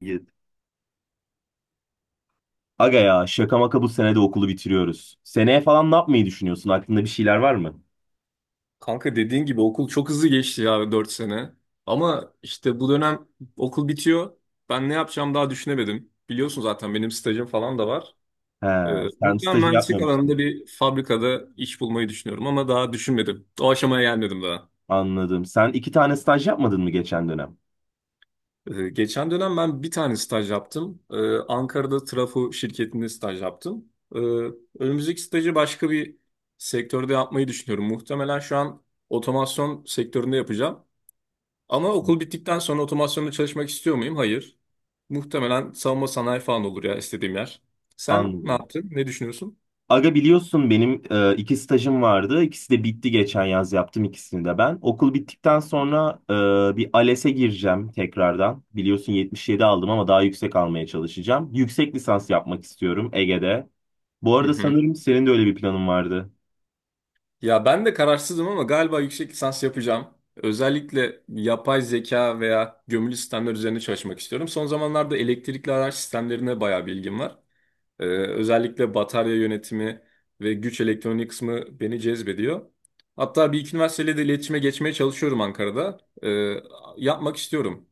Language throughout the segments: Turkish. Git. Aga ya şaka maka bu sene de okulu bitiriyoruz. Seneye falan ne yapmayı düşünüyorsun? Aklında bir şeyler var mı? Kanka dediğin gibi okul çok hızlı geçti ya 4 sene. Ama işte bu dönem okul bitiyor. Ben ne yapacağım daha düşünemedim. Biliyorsun zaten benim stajım falan da var. He, Ee, sen Muhtemelen stajı mühendislik alanında yapmamıştın. bir fabrikada iş bulmayı düşünüyorum ama daha düşünmedim. O aşamaya gelmedim daha. Anladım. Sen iki tane staj yapmadın mı geçen dönem? Geçen dönem ben bir tane staj yaptım. Ankara'da trafo şirketinde staj yaptım. Ee, Önümüzdeki stajı başka bir sektörde yapmayı düşünüyorum. Muhtemelen şu an otomasyon sektöründe yapacağım. Ama okul bittikten sonra otomasyonda çalışmak istiyor muyum? Hayır. Muhtemelen savunma sanayi falan olur ya istediğim yer. Sen ne Anladım. yaptın? Ne düşünüyorsun? Aga biliyorsun benim iki stajım vardı. İkisi de bitti geçen yaz yaptım ikisini de ben. Okul bittikten sonra bir ALES'e gireceğim tekrardan. Biliyorsun 77 aldım ama daha yüksek almaya çalışacağım. Yüksek lisans yapmak istiyorum Ege'de. Bu Hı arada hı. sanırım senin de öyle bir planın vardı. Ya ben de kararsızım ama galiba yüksek lisans yapacağım. Özellikle yapay zeka veya gömülü sistemler üzerine çalışmak istiyorum. Son zamanlarda elektrikli araç sistemlerine bayağı bilgim var. Özellikle batarya yönetimi ve güç elektronik kısmı beni cezbediyor. Hatta bir iki üniversiteyle de iletişime geçmeye çalışıyorum Ankara'da. Ee, Yapmak istiyorum.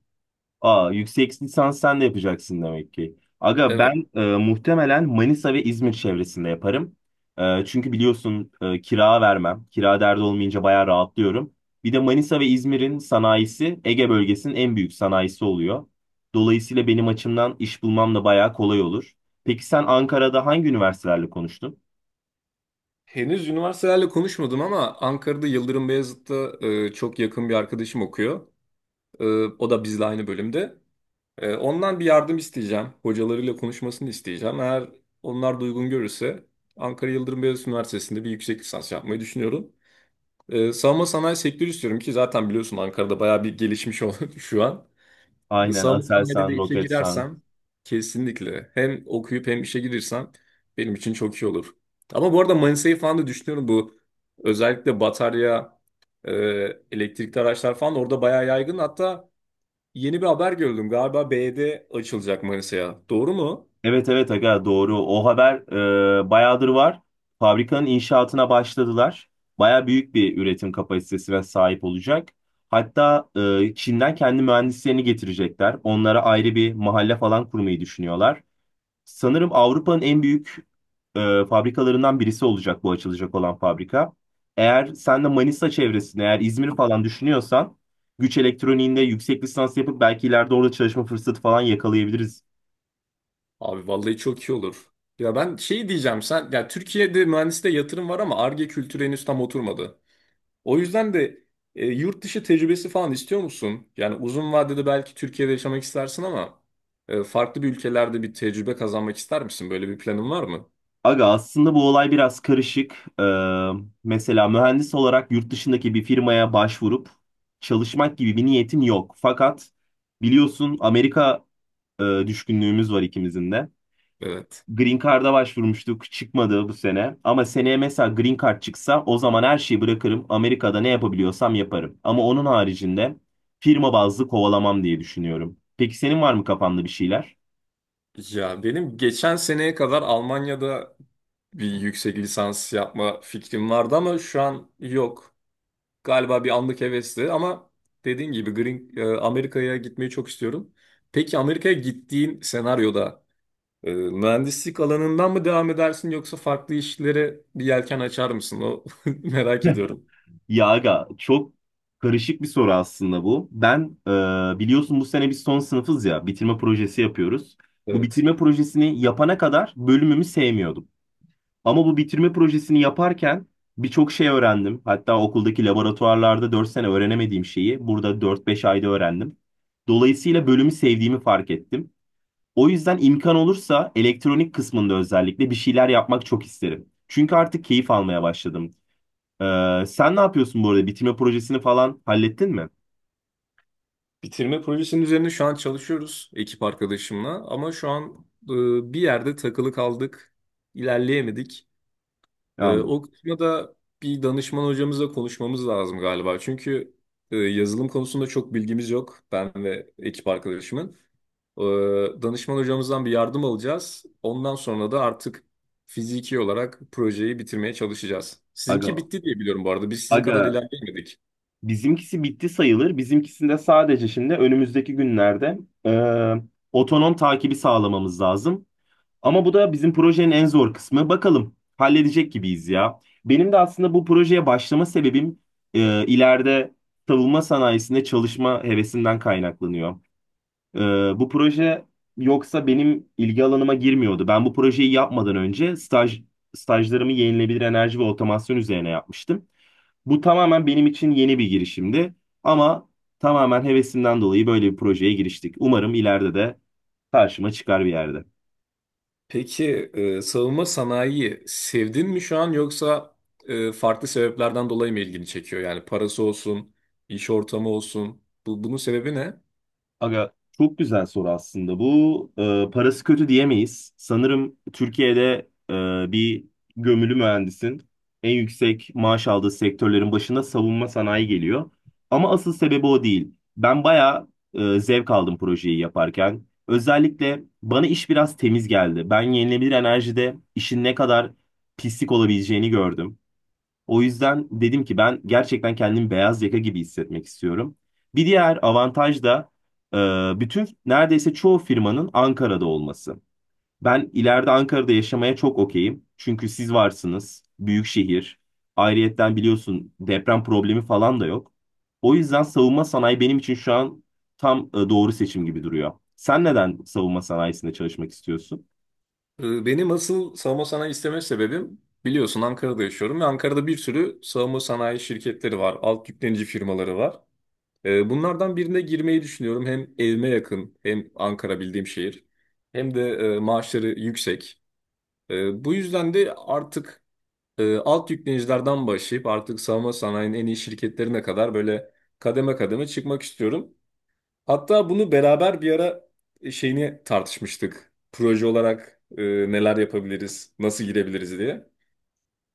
Aa, yüksek lisans sen de yapacaksın demek ki. Aga Evet. ben muhtemelen Manisa ve İzmir çevresinde yaparım. Çünkü biliyorsun kira vermem. Kira derdi olmayınca bayağı rahatlıyorum. Bir de Manisa ve İzmir'in sanayisi Ege bölgesinin en büyük sanayisi oluyor. Dolayısıyla benim açımdan iş bulmam da bayağı kolay olur. Peki sen Ankara'da hangi üniversitelerle konuştun? Henüz üniversitelerle konuşmadım ama Ankara'da Yıldırım Beyazıt'ta çok yakın bir arkadaşım okuyor. E, O da bizle aynı bölümde. Ondan bir yardım isteyeceğim. Hocalarıyla konuşmasını isteyeceğim. Eğer onlar da uygun görürse Ankara Yıldırım Beyazıt Üniversitesi'nde bir yüksek lisans yapmayı düşünüyorum. Savunma sanayi sektörü istiyorum ki zaten biliyorsun Ankara'da bayağı bir gelişmiş oldu şu an. Aynen Savunma sanayide de Aselsan, işe Roketsan. girersem kesinlikle hem okuyup hem işe girirsem benim için çok iyi olur. Ama bu arada Manisa'yı falan da düşünüyorum bu özellikle batarya, e, elektrikli araçlar falan orada bayağı yaygın. Hatta yeni bir haber gördüm galiba BD açılacak Manisa'ya. Doğru mu? Evet, evet aga doğru. O haber bayağıdır var. Fabrikanın inşaatına başladılar. Baya büyük bir üretim kapasitesine sahip olacak. Hatta Çin'den kendi mühendislerini getirecekler. Onlara ayrı bir mahalle falan kurmayı düşünüyorlar. Sanırım Avrupa'nın en büyük fabrikalarından birisi olacak bu açılacak olan fabrika. Eğer sen de Manisa çevresini, eğer İzmir falan düşünüyorsan güç elektroniğinde yüksek lisans yapıp belki ileride orada çalışma fırsatı falan yakalayabiliriz. Abi vallahi çok iyi olur. Ya ben şey diyeceğim sen ya Türkiye'de mühendisliğe yatırım var ama Ar-Ge kültürü henüz tam oturmadı. O yüzden de yurt dışı tecrübesi falan istiyor musun? Yani uzun vadede belki Türkiye'de yaşamak istersin ama farklı bir ülkelerde bir tecrübe kazanmak ister misin? Böyle bir planın var mı? Aga aslında bu olay biraz karışık. Mesela mühendis olarak yurt dışındaki bir firmaya başvurup çalışmak gibi bir niyetim yok. Fakat biliyorsun Amerika düşkünlüğümüz var ikimizin de. Evet. Green Card'a başvurmuştuk, çıkmadı bu sene. Ama seneye mesela Green Card çıksa o zaman her şeyi bırakırım. Amerika'da ne yapabiliyorsam yaparım. Ama onun haricinde firma bazlı kovalamam diye düşünüyorum. Peki senin var mı kafanda bir şeyler? Ya benim geçen seneye kadar Almanya'da bir yüksek lisans yapma fikrim vardı ama şu an yok. Galiba bir anlık hevesti ama dediğin gibi Green, Amerika'ya gitmeyi çok istiyorum. Peki Amerika'ya gittiğin senaryoda mühendislik alanından mı devam edersin yoksa farklı işlere bir yelken açar mısın? O merak ediyorum. Ya aga çok karışık bir soru aslında bu. Ben biliyorsun bu sene biz son sınıfız ya bitirme projesi yapıyoruz. Bu Evet. bitirme projesini yapana kadar bölümümü sevmiyordum. Ama bu bitirme projesini yaparken birçok şey öğrendim. Hatta okuldaki laboratuvarlarda 4 sene öğrenemediğim şeyi burada dört beş ayda öğrendim. Dolayısıyla bölümü sevdiğimi fark ettim. O yüzden imkan olursa elektronik kısmında özellikle bir şeyler yapmak çok isterim. Çünkü artık keyif almaya başladım. Sen ne yapıyorsun bu arada? Bitirme projesini falan hallettin mi? Bitirme projesinin üzerine şu an çalışıyoruz ekip arkadaşımla ama şu an bir yerde takılı kaldık, ilerleyemedik. Yani, O kısmı da bir danışman hocamızla konuşmamız lazım galiba. Çünkü yazılım konusunda çok bilgimiz yok. Ben ve ekip arkadaşımın. Ee, Danışman hocamızdan bir yardım alacağız. Ondan sonra da artık fiziki olarak projeyi bitirmeye çalışacağız. aga, Sizinki bitti diye biliyorum bu arada. Biz sizin aga kadar ilerleyemedik. bizimkisi bitti sayılır. Bizimkisinde sadece şimdi önümüzdeki günlerde e, otonom takibi sağlamamız lazım. Ama bu da bizim projenin en zor kısmı. Bakalım halledecek gibiyiz ya. Benim de aslında bu projeye başlama sebebim ileride savunma sanayisinde çalışma hevesimden kaynaklanıyor. Ee, bu proje yoksa benim ilgi alanıma girmiyordu. Ben bu projeyi yapmadan önce stajlarımı yenilenebilir enerji ve otomasyon üzerine yapmıştım. Bu tamamen benim için yeni bir girişimdi ama tamamen hevesimden dolayı böyle bir projeye giriştik. Umarım ileride de karşıma çıkar bir yerde. Peki savunma sanayiyi sevdin mi şu an yoksa farklı sebeplerden dolayı mı ilgini çekiyor? Yani parası olsun, iş ortamı olsun. Bu, bunun sebebi ne? Aga çok güzel soru aslında. Bu parası kötü diyemeyiz. Sanırım Türkiye'de bir gömülü mühendisin en yüksek maaş aldığı sektörlerin başında savunma sanayi geliyor. Ama asıl sebebi o değil. Ben bayağı zevk aldım projeyi yaparken. Özellikle bana iş biraz temiz geldi. Ben yenilenebilir enerjide işin ne kadar pislik olabileceğini gördüm. O yüzden dedim ki ben gerçekten kendimi beyaz yaka gibi hissetmek istiyorum. Bir diğer avantaj da bütün neredeyse çoğu firmanın Ankara'da olması. Ben ileride Ankara'da yaşamaya çok okeyim. Çünkü siz varsınız, büyük şehir. Ayrıyetten biliyorsun deprem problemi falan da yok. O yüzden savunma sanayi benim için şu an tam doğru seçim gibi duruyor. Sen neden savunma sanayisinde çalışmak istiyorsun? Benim asıl savunma sanayi isteme sebebim biliyorsun Ankara'da yaşıyorum ve Ankara'da bir sürü savunma sanayi şirketleri var, alt yüklenici firmaları var. Bunlardan birine girmeyi düşünüyorum. Hem evime yakın, hem Ankara bildiğim şehir, hem de maaşları yüksek. Bu yüzden de artık alt yüklenicilerden başlayıp artık savunma sanayinin en iyi şirketlerine kadar böyle kademe kademe çıkmak istiyorum. Hatta bunu beraber bir ara şeyini tartışmıştık. Proje olarak neler yapabiliriz, nasıl girebiliriz diye.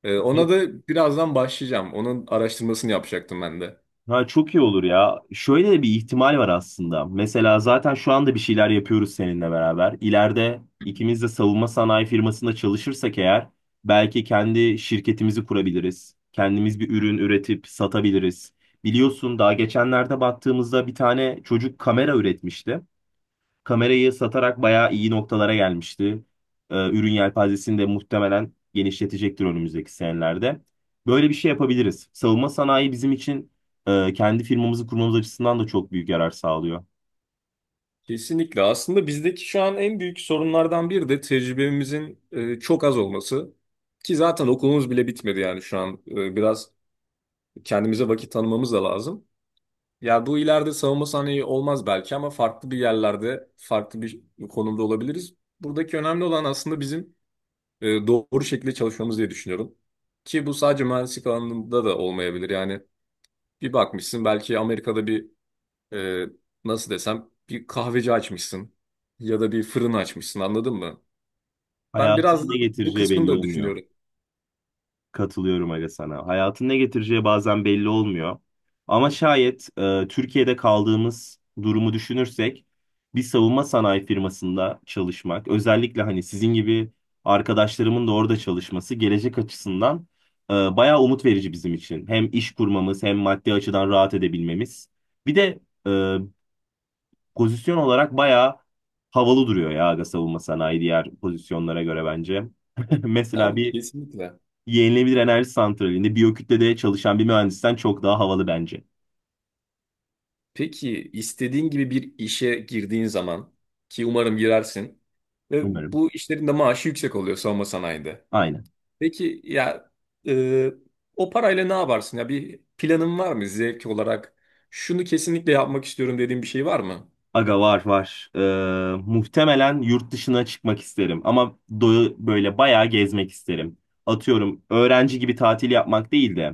Ona da birazdan başlayacağım. Onun araştırmasını yapacaktım ben de. Ha, çok iyi olur ya. Şöyle de bir ihtimal var aslında. Mesela zaten şu anda bir şeyler yapıyoruz seninle beraber. İleride ikimiz de savunma sanayi firmasında çalışırsak eğer belki kendi şirketimizi kurabiliriz. Kendimiz bir ürün üretip satabiliriz. Biliyorsun daha geçenlerde baktığımızda bir tane çocuk kamera üretmişti, kamerayı satarak bayağı iyi noktalara gelmişti. Ürün yelpazesini de muhtemelen genişletecektir önümüzdeki senelerde. Böyle bir şey yapabiliriz. Savunma sanayi bizim için kendi firmamızı kurmamız açısından da çok büyük yarar sağlıyor. Kesinlikle. Aslında bizdeki şu an en büyük sorunlardan biri de tecrübemizin çok az olması. Ki zaten okulumuz bile bitmedi yani şu an. Biraz kendimize vakit tanımamız da lazım. Ya bu ileride savunma sanayi olmaz belki ama farklı bir yerlerde, farklı bir konumda olabiliriz. Buradaki önemli olan aslında bizim doğru şekilde çalışmamız diye düşünüyorum. Ki bu sadece mühendislik alanında da olmayabilir. Yani bir bakmışsın belki Amerika'da bir e, nasıl desem bir kahveci açmışsın ya da bir fırın açmışsın anladın mı? Ben Hayatın biraz da ne bu getireceği kısmını belli da olmuyor. düşünüyorum. Katılıyorum aga sana. Hayatın ne getireceği bazen belli olmuyor. Ama şayet Türkiye'de kaldığımız durumu düşünürsek bir savunma sanayi firmasında çalışmak, özellikle hani sizin gibi arkadaşlarımın da orada çalışması gelecek açısından bayağı umut verici bizim için. Hem iş kurmamız hem maddi açıdan rahat edebilmemiz. Bir de e, pozisyon olarak bayağı havalı duruyor ya aga savunma sanayi diğer pozisyonlara göre bence. Mesela Abi bir kesinlikle. yenilenebilir enerji santralinde biyokütlede çalışan bir mühendisten çok daha havalı bence. Peki istediğin gibi bir işe girdiğin zaman ki umarım girersin ve Umarım. bu işlerin de maaşı yüksek oluyor savunma sanayide. Aynen. Peki ya e, o parayla ne yaparsın? Ya bir planın var mı zevk olarak? Şunu kesinlikle yapmak istiyorum dediğin bir şey var mı? Aga var, var. Muhtemelen yurt dışına çıkmak isterim ama böyle bayağı gezmek isterim. Atıyorum öğrenci gibi tatil yapmak değil de.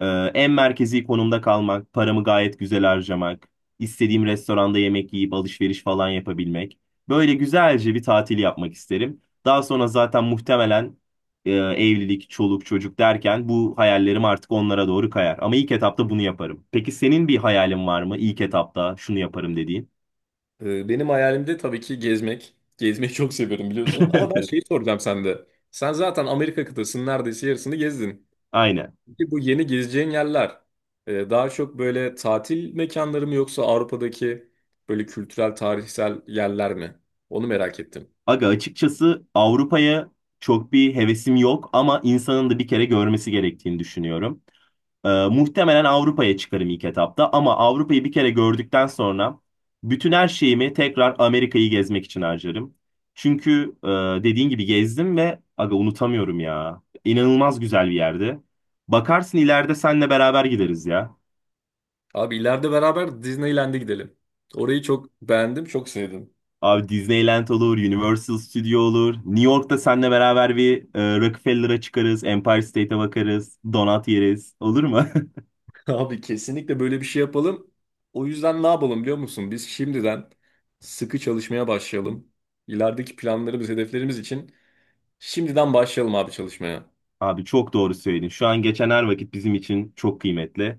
Ee, en merkezi konumda kalmak, paramı gayet güzel harcamak, istediğim restoranda yemek yiyip alışveriş falan yapabilmek. Böyle güzelce bir tatil yapmak isterim. Daha sonra zaten muhtemelen evlilik, çoluk, çocuk derken bu hayallerim artık onlara doğru kayar. Ama ilk etapta bunu yaparım. Peki senin bir hayalin var mı? İlk etapta şunu yaparım dediğin. Benim hayalimde tabii ki gezmek. Gezmeyi çok seviyorum biliyorsun. Ama ben şeyi soracağım sende. Sen zaten Amerika kıtasının neredeyse yarısını gezdin. Aynen. Peki bu yeni gezeceğin yerler daha çok böyle tatil mekanları mı yoksa Avrupa'daki böyle kültürel, tarihsel yerler mi? Onu merak ettim. Aga açıkçası Avrupa'ya çok bir hevesim yok ama insanın da bir kere görmesi gerektiğini düşünüyorum. Muhtemelen Avrupa'ya çıkarım ilk etapta ama Avrupa'yı bir kere gördükten sonra bütün her şeyimi tekrar Amerika'yı gezmek için harcarım. Çünkü dediğin gibi gezdim ve aga unutamıyorum ya. İnanılmaz güzel bir yerde. Bakarsın ileride senle beraber gideriz ya. Abi ileride beraber Disneyland'e gidelim. Orayı çok beğendim, çok sevdim. Abi Disneyland olur, Universal Studio olur. New York'ta senle beraber bir Rockefeller'a çıkarız, Empire State'e bakarız, donut yeriz. Olur mu? Abi kesinlikle böyle bir şey yapalım. O yüzden ne yapalım biliyor musun? Biz şimdiden sıkı çalışmaya başlayalım. İlerideki planlarımız, hedeflerimiz için şimdiden başlayalım abi çalışmaya. Abi çok doğru söyledin. Şu an geçen her vakit bizim için çok kıymetli.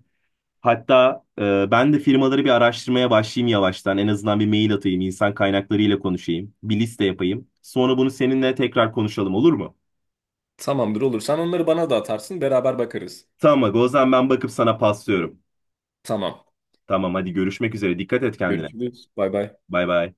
Hatta ben de firmaları bir araştırmaya başlayayım yavaştan. En azından bir mail atayım, insan kaynaklarıyla konuşayım, bir liste yapayım. Sonra bunu seninle tekrar konuşalım, olur mu? Tamamdır olur. Sen onları bana da atarsın, beraber bakarız. Tamam, aga, o zaman ben bakıp sana paslıyorum. Tamam. Tamam, hadi görüşmek üzere. Dikkat et kendine. Görüşürüz. Bay bay. Bay bay.